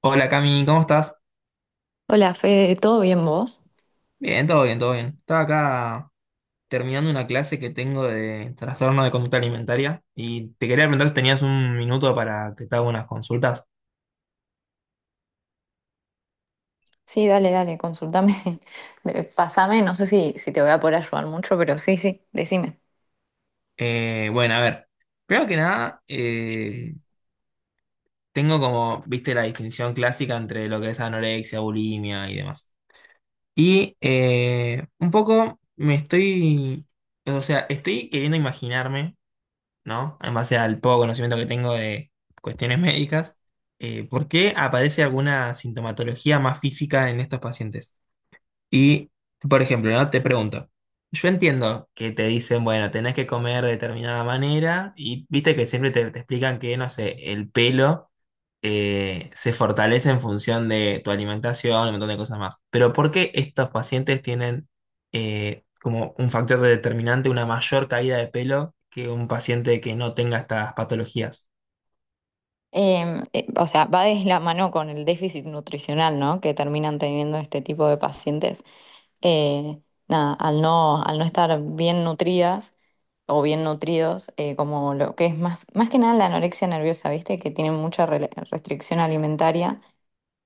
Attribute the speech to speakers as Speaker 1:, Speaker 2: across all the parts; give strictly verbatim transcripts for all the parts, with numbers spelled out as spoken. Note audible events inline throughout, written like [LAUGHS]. Speaker 1: Hola Cami, ¿cómo estás?
Speaker 2: Hola, Fede, ¿todo bien vos?
Speaker 1: Bien, todo bien, todo bien. Estaba acá terminando una clase que tengo de trastorno de conducta alimentaria y te quería preguntar si tenías un minuto para que te haga unas consultas.
Speaker 2: Sí, dale, dale, consultame, [LAUGHS] de- pasame, no sé si, si te voy a poder ayudar mucho, pero sí, sí, decime.
Speaker 1: Eh, bueno, a ver, primero que nada, eh, tengo como, viste, la distinción clásica entre lo que es anorexia, bulimia y demás. Y eh, un poco me estoy, o sea, estoy queriendo imaginarme, ¿no? En base al poco conocimiento que tengo de cuestiones médicas, eh, ¿por qué aparece alguna sintomatología más física en estos pacientes? Y, por ejemplo, ¿no? Te pregunto, yo entiendo que te dicen, bueno, tenés que comer de determinada manera y viste que siempre te, te explican que, no sé, el pelo eh, se fortalece en función de tu alimentación y un montón de cosas más. Pero ¿por qué estos pacientes tienen eh, como un factor determinante una mayor caída de pelo que un paciente que no tenga estas patologías?
Speaker 2: Em, eh, o sea, va de la mano con el déficit nutricional, ¿no? Que terminan teniendo este tipo de pacientes. Eh, Nada, al no, al no estar bien nutridas o bien nutridos, eh, como lo que es más, más que nada la anorexia nerviosa, ¿viste? Que tienen mucha rela- restricción alimentaria,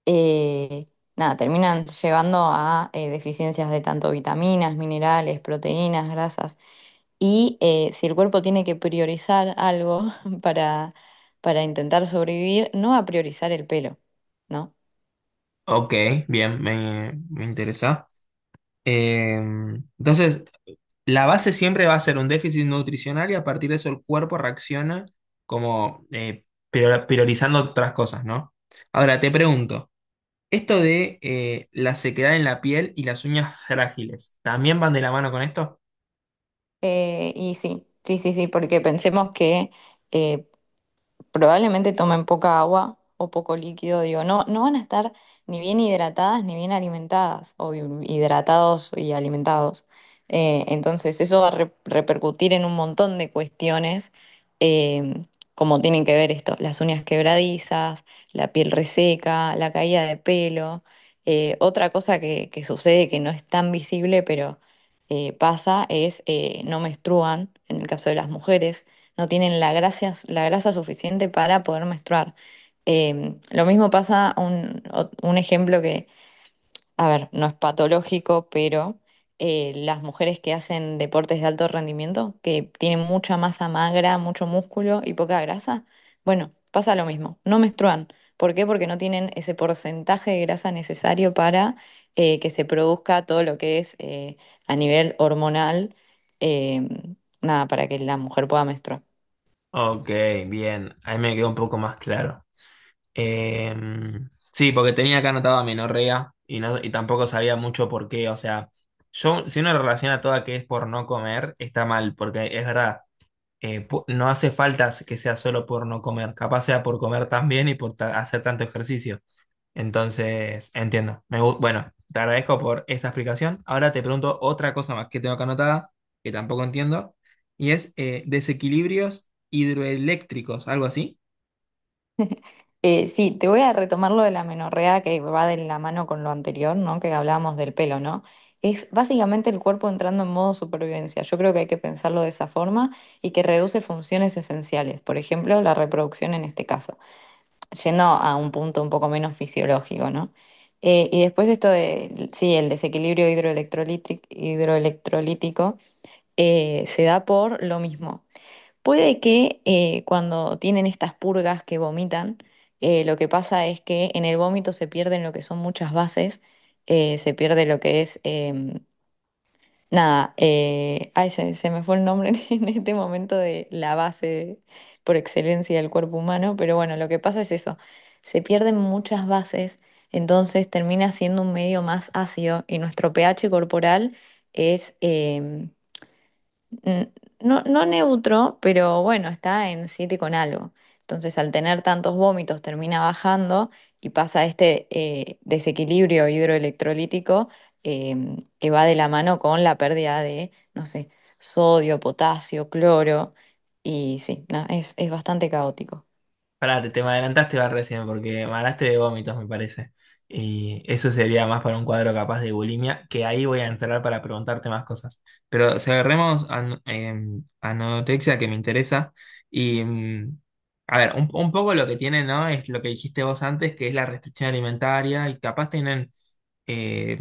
Speaker 2: eh, nada, terminan llevando a eh, deficiencias de tanto vitaminas, minerales, proteínas, grasas. Y eh, si el cuerpo tiene que priorizar algo [LAUGHS] para, para intentar sobrevivir, no va a priorizar el pelo, ¿no?
Speaker 1: Ok, bien, me, me interesa. Eh, entonces, la base siempre va a ser un déficit nutricional y a partir de eso el cuerpo reacciona como eh, prior- priorizando otras cosas, ¿no? Ahora te pregunto, esto de eh, la sequedad en la piel y las uñas frágiles, ¿también van de la mano con esto?
Speaker 2: Eh, y sí, sí, sí, sí, porque pensemos que eh, probablemente tomen poca agua o poco líquido, digo, no, no van a estar ni bien hidratadas ni bien alimentadas, o hi- hidratados y alimentados. Eh, entonces eso va a re- repercutir en un montón de cuestiones, eh, como tienen que ver esto, las uñas quebradizas, la piel reseca, la caída de pelo. Eh, otra cosa que, que sucede que no es tan visible, pero eh, pasa, es eh, no menstruan; en el caso de las mujeres, no tienen la grasa, la grasa suficiente para poder menstruar. Eh, lo mismo pasa, un, o- un ejemplo que, a ver, no es patológico, pero eh, las mujeres que hacen deportes de alto rendimiento, que tienen mucha masa magra, mucho músculo y poca grasa, bueno, pasa lo mismo, no menstruan. ¿Por qué? Porque no tienen ese porcentaje de grasa necesario para eh, que se produzca todo lo que es eh, a nivel hormonal, eh, nada, para que la mujer pueda menstruar.
Speaker 1: Ok, bien, ahí me quedó un poco más claro. Eh, sí, porque tenía acá anotado amenorrea y, no, y tampoco sabía mucho por qué, o sea, yo si uno relaciona toda que es por no comer, está mal, porque es verdad. Eh, pu- no hace falta que sea solo por no comer, capaz sea por comer tan bien y por ta- hacer tanto ejercicio. Entonces, entiendo. Me gu- bueno, te agradezco por esa explicación. Ahora te pregunto otra cosa más que tengo acá anotada, que tampoco entiendo, y es eh, desequilibrios hidroeléctricos, algo así.
Speaker 2: Eh, sí, te voy a retomar lo de la menorrea que va de la mano con lo anterior, ¿no? Que hablábamos del pelo, ¿no? Es básicamente el cuerpo entrando en modo supervivencia. Yo creo que hay que pensarlo de esa forma y que reduce funciones esenciales, por ejemplo, la reproducción en este caso, yendo a un punto un poco menos fisiológico, ¿no? Eh, y después esto de, sí, el desequilibrio hidroelectrolítric- hidroelectrolítico eh, se da por lo mismo. Puede que eh, cuando tienen estas purgas que vomitan, eh, lo que pasa es que en el vómito se pierden lo que son muchas bases, eh, se pierde lo que es, em, nada, eh, ay, se, se me fue el nombre [LAUGHS] en este momento, de la base por excelencia del cuerpo humano, pero bueno, lo que pasa es eso, se pierden muchas bases, entonces termina siendo un medio más ácido y nuestro pH corporal es em, mm, no, no neutro, pero bueno, está en siete con algo. Entonces, al tener tantos vómitos, termina bajando y pasa este eh, desequilibrio hidroelectrolítico, em, que va de la mano con la pérdida de, no sé, sodio, potasio, cloro. Y sí, no, es, es bastante caótico.
Speaker 1: Pará, te, te me adelantaste va recién porque me hablaste de vómitos, me parece. Y eso sería más para un cuadro capaz de bulimia, que ahí voy a entrar para preguntarte más cosas. Pero si agarremos an- em, anorexia que me interesa. Y mm, a ver, un, un poco lo que tiene, ¿no? Es lo que dijiste vos antes, que es la restricción alimentaria, y capaz tienen eh,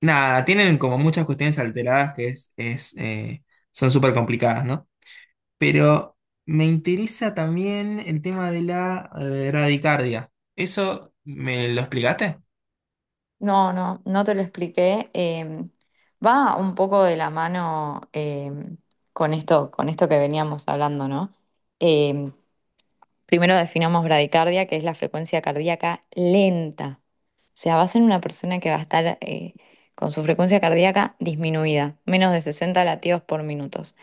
Speaker 1: nada, tienen como muchas cuestiones alteradas que es, es, eh, son súper complicadas, ¿no? Pero me interesa también el tema de la eh, radicardia. ¿Eso me lo explicaste?
Speaker 2: No, no, no te lo expliqué. Em, va un poco de la mano, em, con esto, con esto que veníamos hablando, ¿no? Em, Primero definamos bradicardia, que es la frecuencia cardíaca lenta. O sea, va a una persona que va a estar eh, con su frecuencia cardíaca disminuida, menos de sesenta latidos por minutos.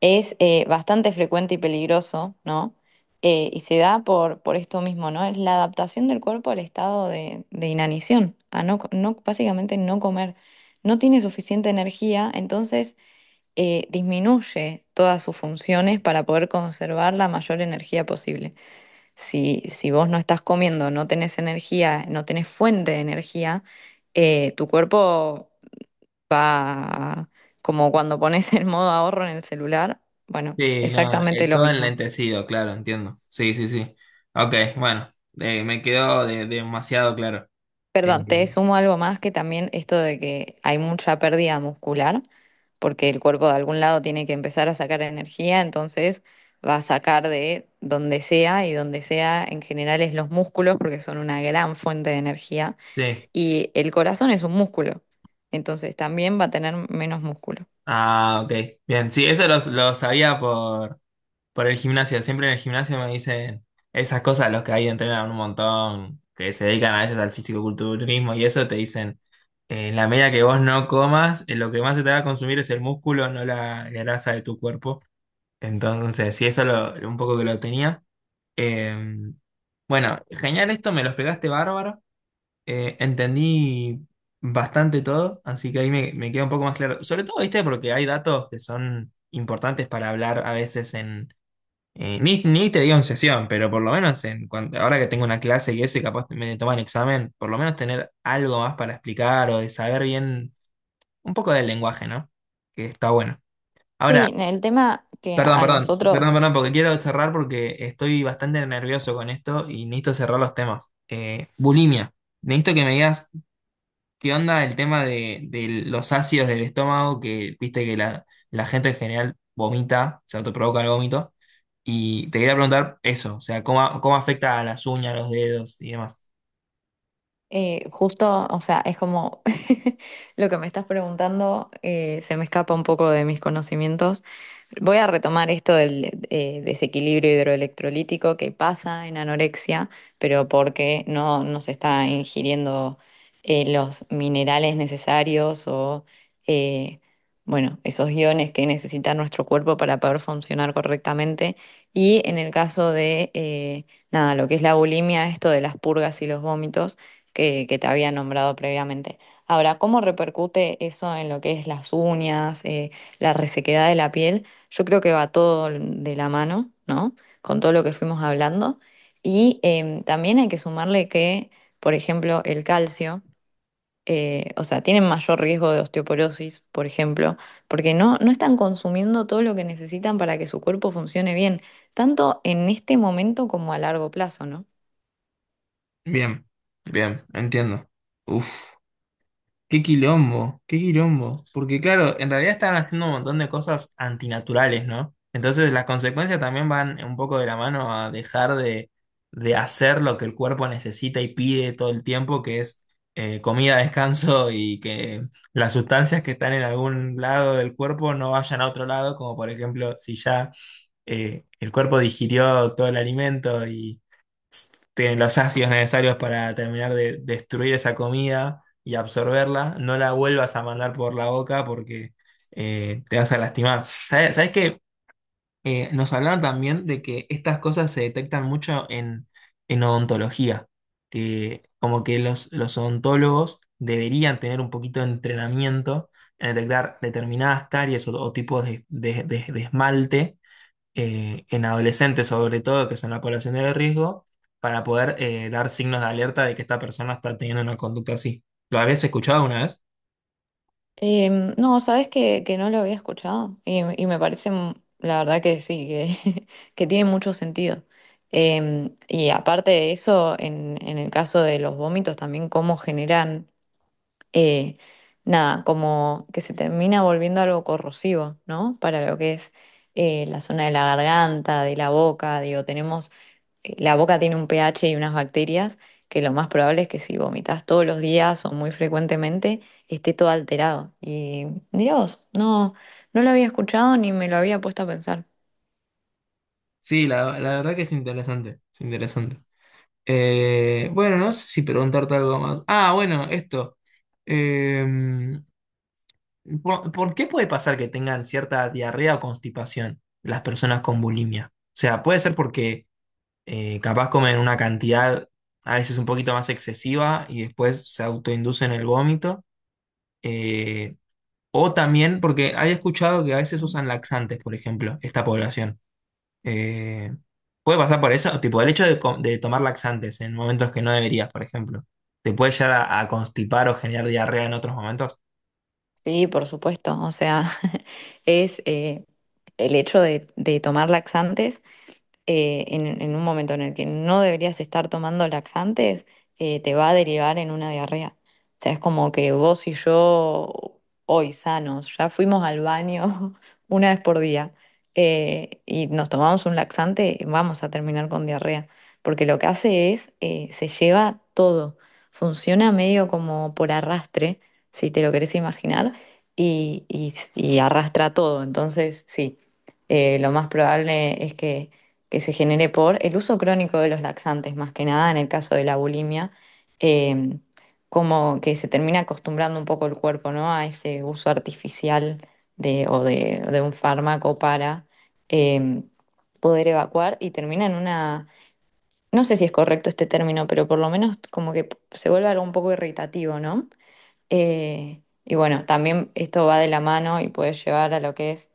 Speaker 2: Es eh, bastante frecuente y peligroso, ¿no? Eh, y se da por, por esto mismo, ¿no? Es la adaptación del cuerpo al estado de, de inanición, a no, co- no, básicamente no comer. No tiene suficiente energía, entonces eh, disminuye todas sus funciones para poder conservar la mayor energía posible. Si, si vos no estás comiendo, no tenés energía, no tenés fuente de energía, eh, tu cuerpo va a- como cuando pones el modo ahorro en el celular. Bueno,
Speaker 1: Sí, no,
Speaker 2: exactamente
Speaker 1: eh,
Speaker 2: lo
Speaker 1: todo
Speaker 2: mismo.
Speaker 1: enlentecido, claro, entiendo. Sí, sí, sí. Ok, bueno, eh, me quedó de- demasiado claro. Eh,
Speaker 2: Perdón, te sumo algo más, que también esto de que hay mucha pérdida muscular, porque el cuerpo de algún lado tiene que empezar a sacar energía, entonces va a sacar de donde sea, y donde sea en general es los músculos, porque son una gran fuente de energía.
Speaker 1: sí.
Speaker 2: Y el corazón es un músculo, entonces también va a tener menos músculo.
Speaker 1: Ah, ok. Bien, sí, eso lo, lo sabía por, Por el gimnasio, siempre en el gimnasio me dicen esas cosas, los que ahí entrenan un montón, que se dedican a ellos al fisicoculturismo y eso, te dicen, eh, en la medida que vos no comas, eh, lo que más se te va a consumir es el músculo, no la grasa de tu cuerpo. Entonces, sí, eso lo, un poco que lo tenía. Eh, bueno, genial esto, me lo explicaste bárbaro, eh, entendí bastante todo, así que ahí me, me queda un poco más claro. Sobre todo, viste, porque hay datos que son importantes para hablar a veces, eh, ni, ni te digo en sesión, pero por lo menos en cuan- ahora que tengo una clase y eso y capaz me toman examen, por lo menos tener algo más para explicar o de saber bien un poco del lenguaje, ¿no? Que está bueno. Ahora,
Speaker 2: Sí, el tema que
Speaker 1: perdón,
Speaker 2: a
Speaker 1: perdón, perdón,
Speaker 2: nosotros.
Speaker 1: perdón, porque quiero cerrar porque estoy bastante nervioso con esto y necesito cerrar los temas. Eh, bulimia. Necesito que me digas, ¿qué onda el tema de, de los ácidos del estómago? Que viste que la, la gente en general vomita, se autoprovoca el vómito. Y te quería preguntar eso, o sea, ¿cómo, cómo afecta a las uñas, los dedos y demás?
Speaker 2: Eh, justo, o sea, es como [LAUGHS] lo que me estás preguntando, eh, se me escapa un poco de mis conocimientos. Voy a retomar esto del eh, desequilibrio hidroelectrolítico que pasa en anorexia, pero porque no, no se está ingiriendo eh, los minerales necesarios o, eh, bueno, esos iones que necesita nuestro cuerpo para poder funcionar correctamente. Y en el caso de, eh, nada, lo que es la bulimia, esto de las purgas y los vómitos que, que te había nombrado previamente. Ahora, ¿cómo repercute eso en lo que es las uñas, eh, la resequedad de la piel? Yo creo que va todo de la mano, ¿no? Con todo lo que fuimos hablando. Y em, también hay que sumarle que, por ejemplo, el calcio, eh, o sea, tienen mayor riesgo de osteoporosis, por ejemplo, porque no, no están consumiendo todo lo que necesitan para que su cuerpo funcione bien, tanto en este momento como a largo plazo, ¿no?
Speaker 1: Bien, bien, entiendo. Uf. Qué quilombo, qué quilombo. Porque claro, en realidad están haciendo un montón de cosas antinaturales, ¿no? Entonces las consecuencias también van un poco de la mano a dejar de, de hacer lo que el cuerpo necesita y pide todo el tiempo, que es eh, comida, [LAUGHS] descanso y que las sustancias que están en algún lado del cuerpo no vayan a otro lado, como por ejemplo si ya eh, el cuerpo digirió todo el alimento y tienen los ácidos necesarios para terminar de destruir esa comida y absorberla, no la vuelvas a mandar por la boca porque eh, te vas a lastimar. ¿Sabes, sabes qué? Eh, nos hablaron también de que estas cosas se detectan mucho en, en odontología, que como que los, los odontólogos deberían tener un poquito de entrenamiento en detectar determinadas caries o, o tipos de de- de- de esmalte eh, en adolescentes sobre todo, que son la población de riesgo, para poder eh, dar signos de alerta de que esta persona está teniendo una conducta así. ¿Lo habías escuchado alguna vez?
Speaker 2: Em, no, sabes que, que no lo había escuchado, y, y me parece, mm, la verdad que sí, que, [LAUGHS] que tiene mucho sentido. Em, y aparte de eso, en, en el caso de los vómitos, también cómo generan, eh, nada, como que se termina volviendo algo corrosivo, ¿no? Para lo que es eh, la zona de la garganta, de la boca, digo, tenemos eh, la boca tiene un pH y unas bacterias, que lo más probable es que si vomitas todos los días o muy frecuentemente, esté todo alterado. Y Dios, no, no lo había escuchado ni me lo había puesto a pensar.
Speaker 1: Sí, la, la verdad que es interesante, es interesante. Eh, bueno, no sé si preguntarte algo más. Ah, bueno, esto. Em, ¿por, por qué puede pasar que tengan cierta diarrea o constipación las personas con bulimia? O sea, puede ser porque eh, capaz comen una cantidad a veces un poquito más excesiva y después se autoinducen el vómito. eh, o también, porque había escuchado que a veces usan laxantes, por ejemplo, esta población. Eh, Puede pasar por eso, tipo el hecho de, co- de tomar laxantes en momentos que no deberías, por ejemplo. ¿Te puede llegar a, a constipar o generar diarrea en otros momentos?
Speaker 2: Sí, por supuesto. O sea, [LAUGHS] es eh, el hecho de, de tomar laxantes eh, en, en un momento en el que no deberías estar tomando laxantes, eh, te va a derivar en una diarrea. O sea, es como que vos y yo, hoy sanos, ya fuimos al baño [LAUGHS] una vez por día, eh, y nos tomamos un laxante, vamos a terminar con diarrea, porque lo que hace es, eh, se lleva todo, funciona medio como por arrastre, si te lo querés imaginar, y, y- y arrastra todo. Entonces, sí, eh, lo más probable es que que se genere por el uso crónico de los laxantes, más que nada en el caso de la bulimia, eh, como que se termina acostumbrando un poco el cuerpo, ¿no? A ese uso artificial de, o de, de un fármaco para eh, poder evacuar, y termina en una, no sé si es correcto este término, pero por lo menos como que se vuelve algo un poco irritativo, ¿no? Eh, y bueno, también esto va de la mano y puede llevar a lo que es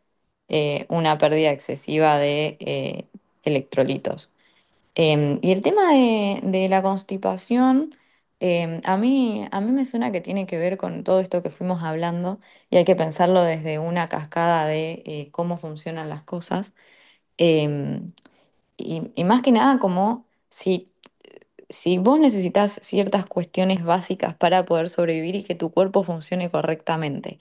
Speaker 2: eh, una pérdida excesiva de eh, electrolitos. Em, y el tema de, de la constipación, em, a mí, a mí me suena que tiene que ver con todo esto que fuimos hablando, y hay que pensarlo desde una cascada de eh, cómo funcionan las cosas. Em, y, y más que nada, como si si vos necesitas ciertas cuestiones básicas para poder sobrevivir y que tu cuerpo funcione correctamente,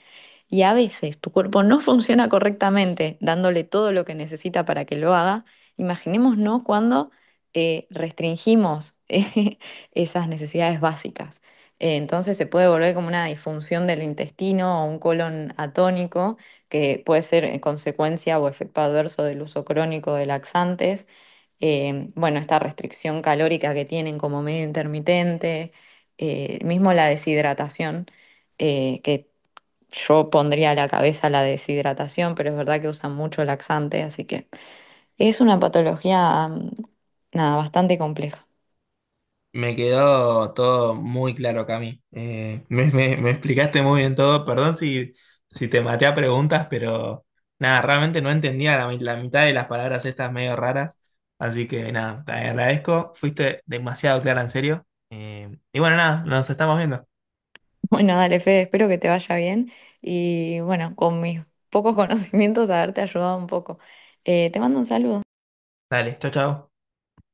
Speaker 2: y a veces tu cuerpo no funciona correctamente dándole todo lo que necesita para que lo haga, imaginémonos ¿no? cuando eh, restringimos [LAUGHS] eh, esas necesidades básicas. Eh, Entonces se puede volver como una disfunción del intestino o un colon atónico, que puede ser eh, consecuencia o efecto adverso del uso crónico de laxantes, eh, bueno, esta restricción calórica que tienen como medio intermitente, eh, mismo la deshidratación, eh, que yo pondría a la cabeza la deshidratación, pero es verdad que usan mucho laxante, así que es una patología, mm, nada, bastante compleja. [LAUGHS]
Speaker 1: Me quedó todo muy claro, Cami. Eh, me, me- me explicaste muy bien todo. Perdón si, si te maté a preguntas, pero nada, realmente no entendía la, mi- la mitad de las palabras estas medio raras. Así que nada, te agradezco. Fuiste demasiado clara, en serio. Eh, y bueno, nada, nos estamos viendo.
Speaker 2: Bueno, dale, Fede, espero que te vaya bien, y bueno, con mis pocos [LAUGHS] conocimientos haberte ayudado un poco. Eh, te mando un saludo.
Speaker 1: Dale, chao, chao.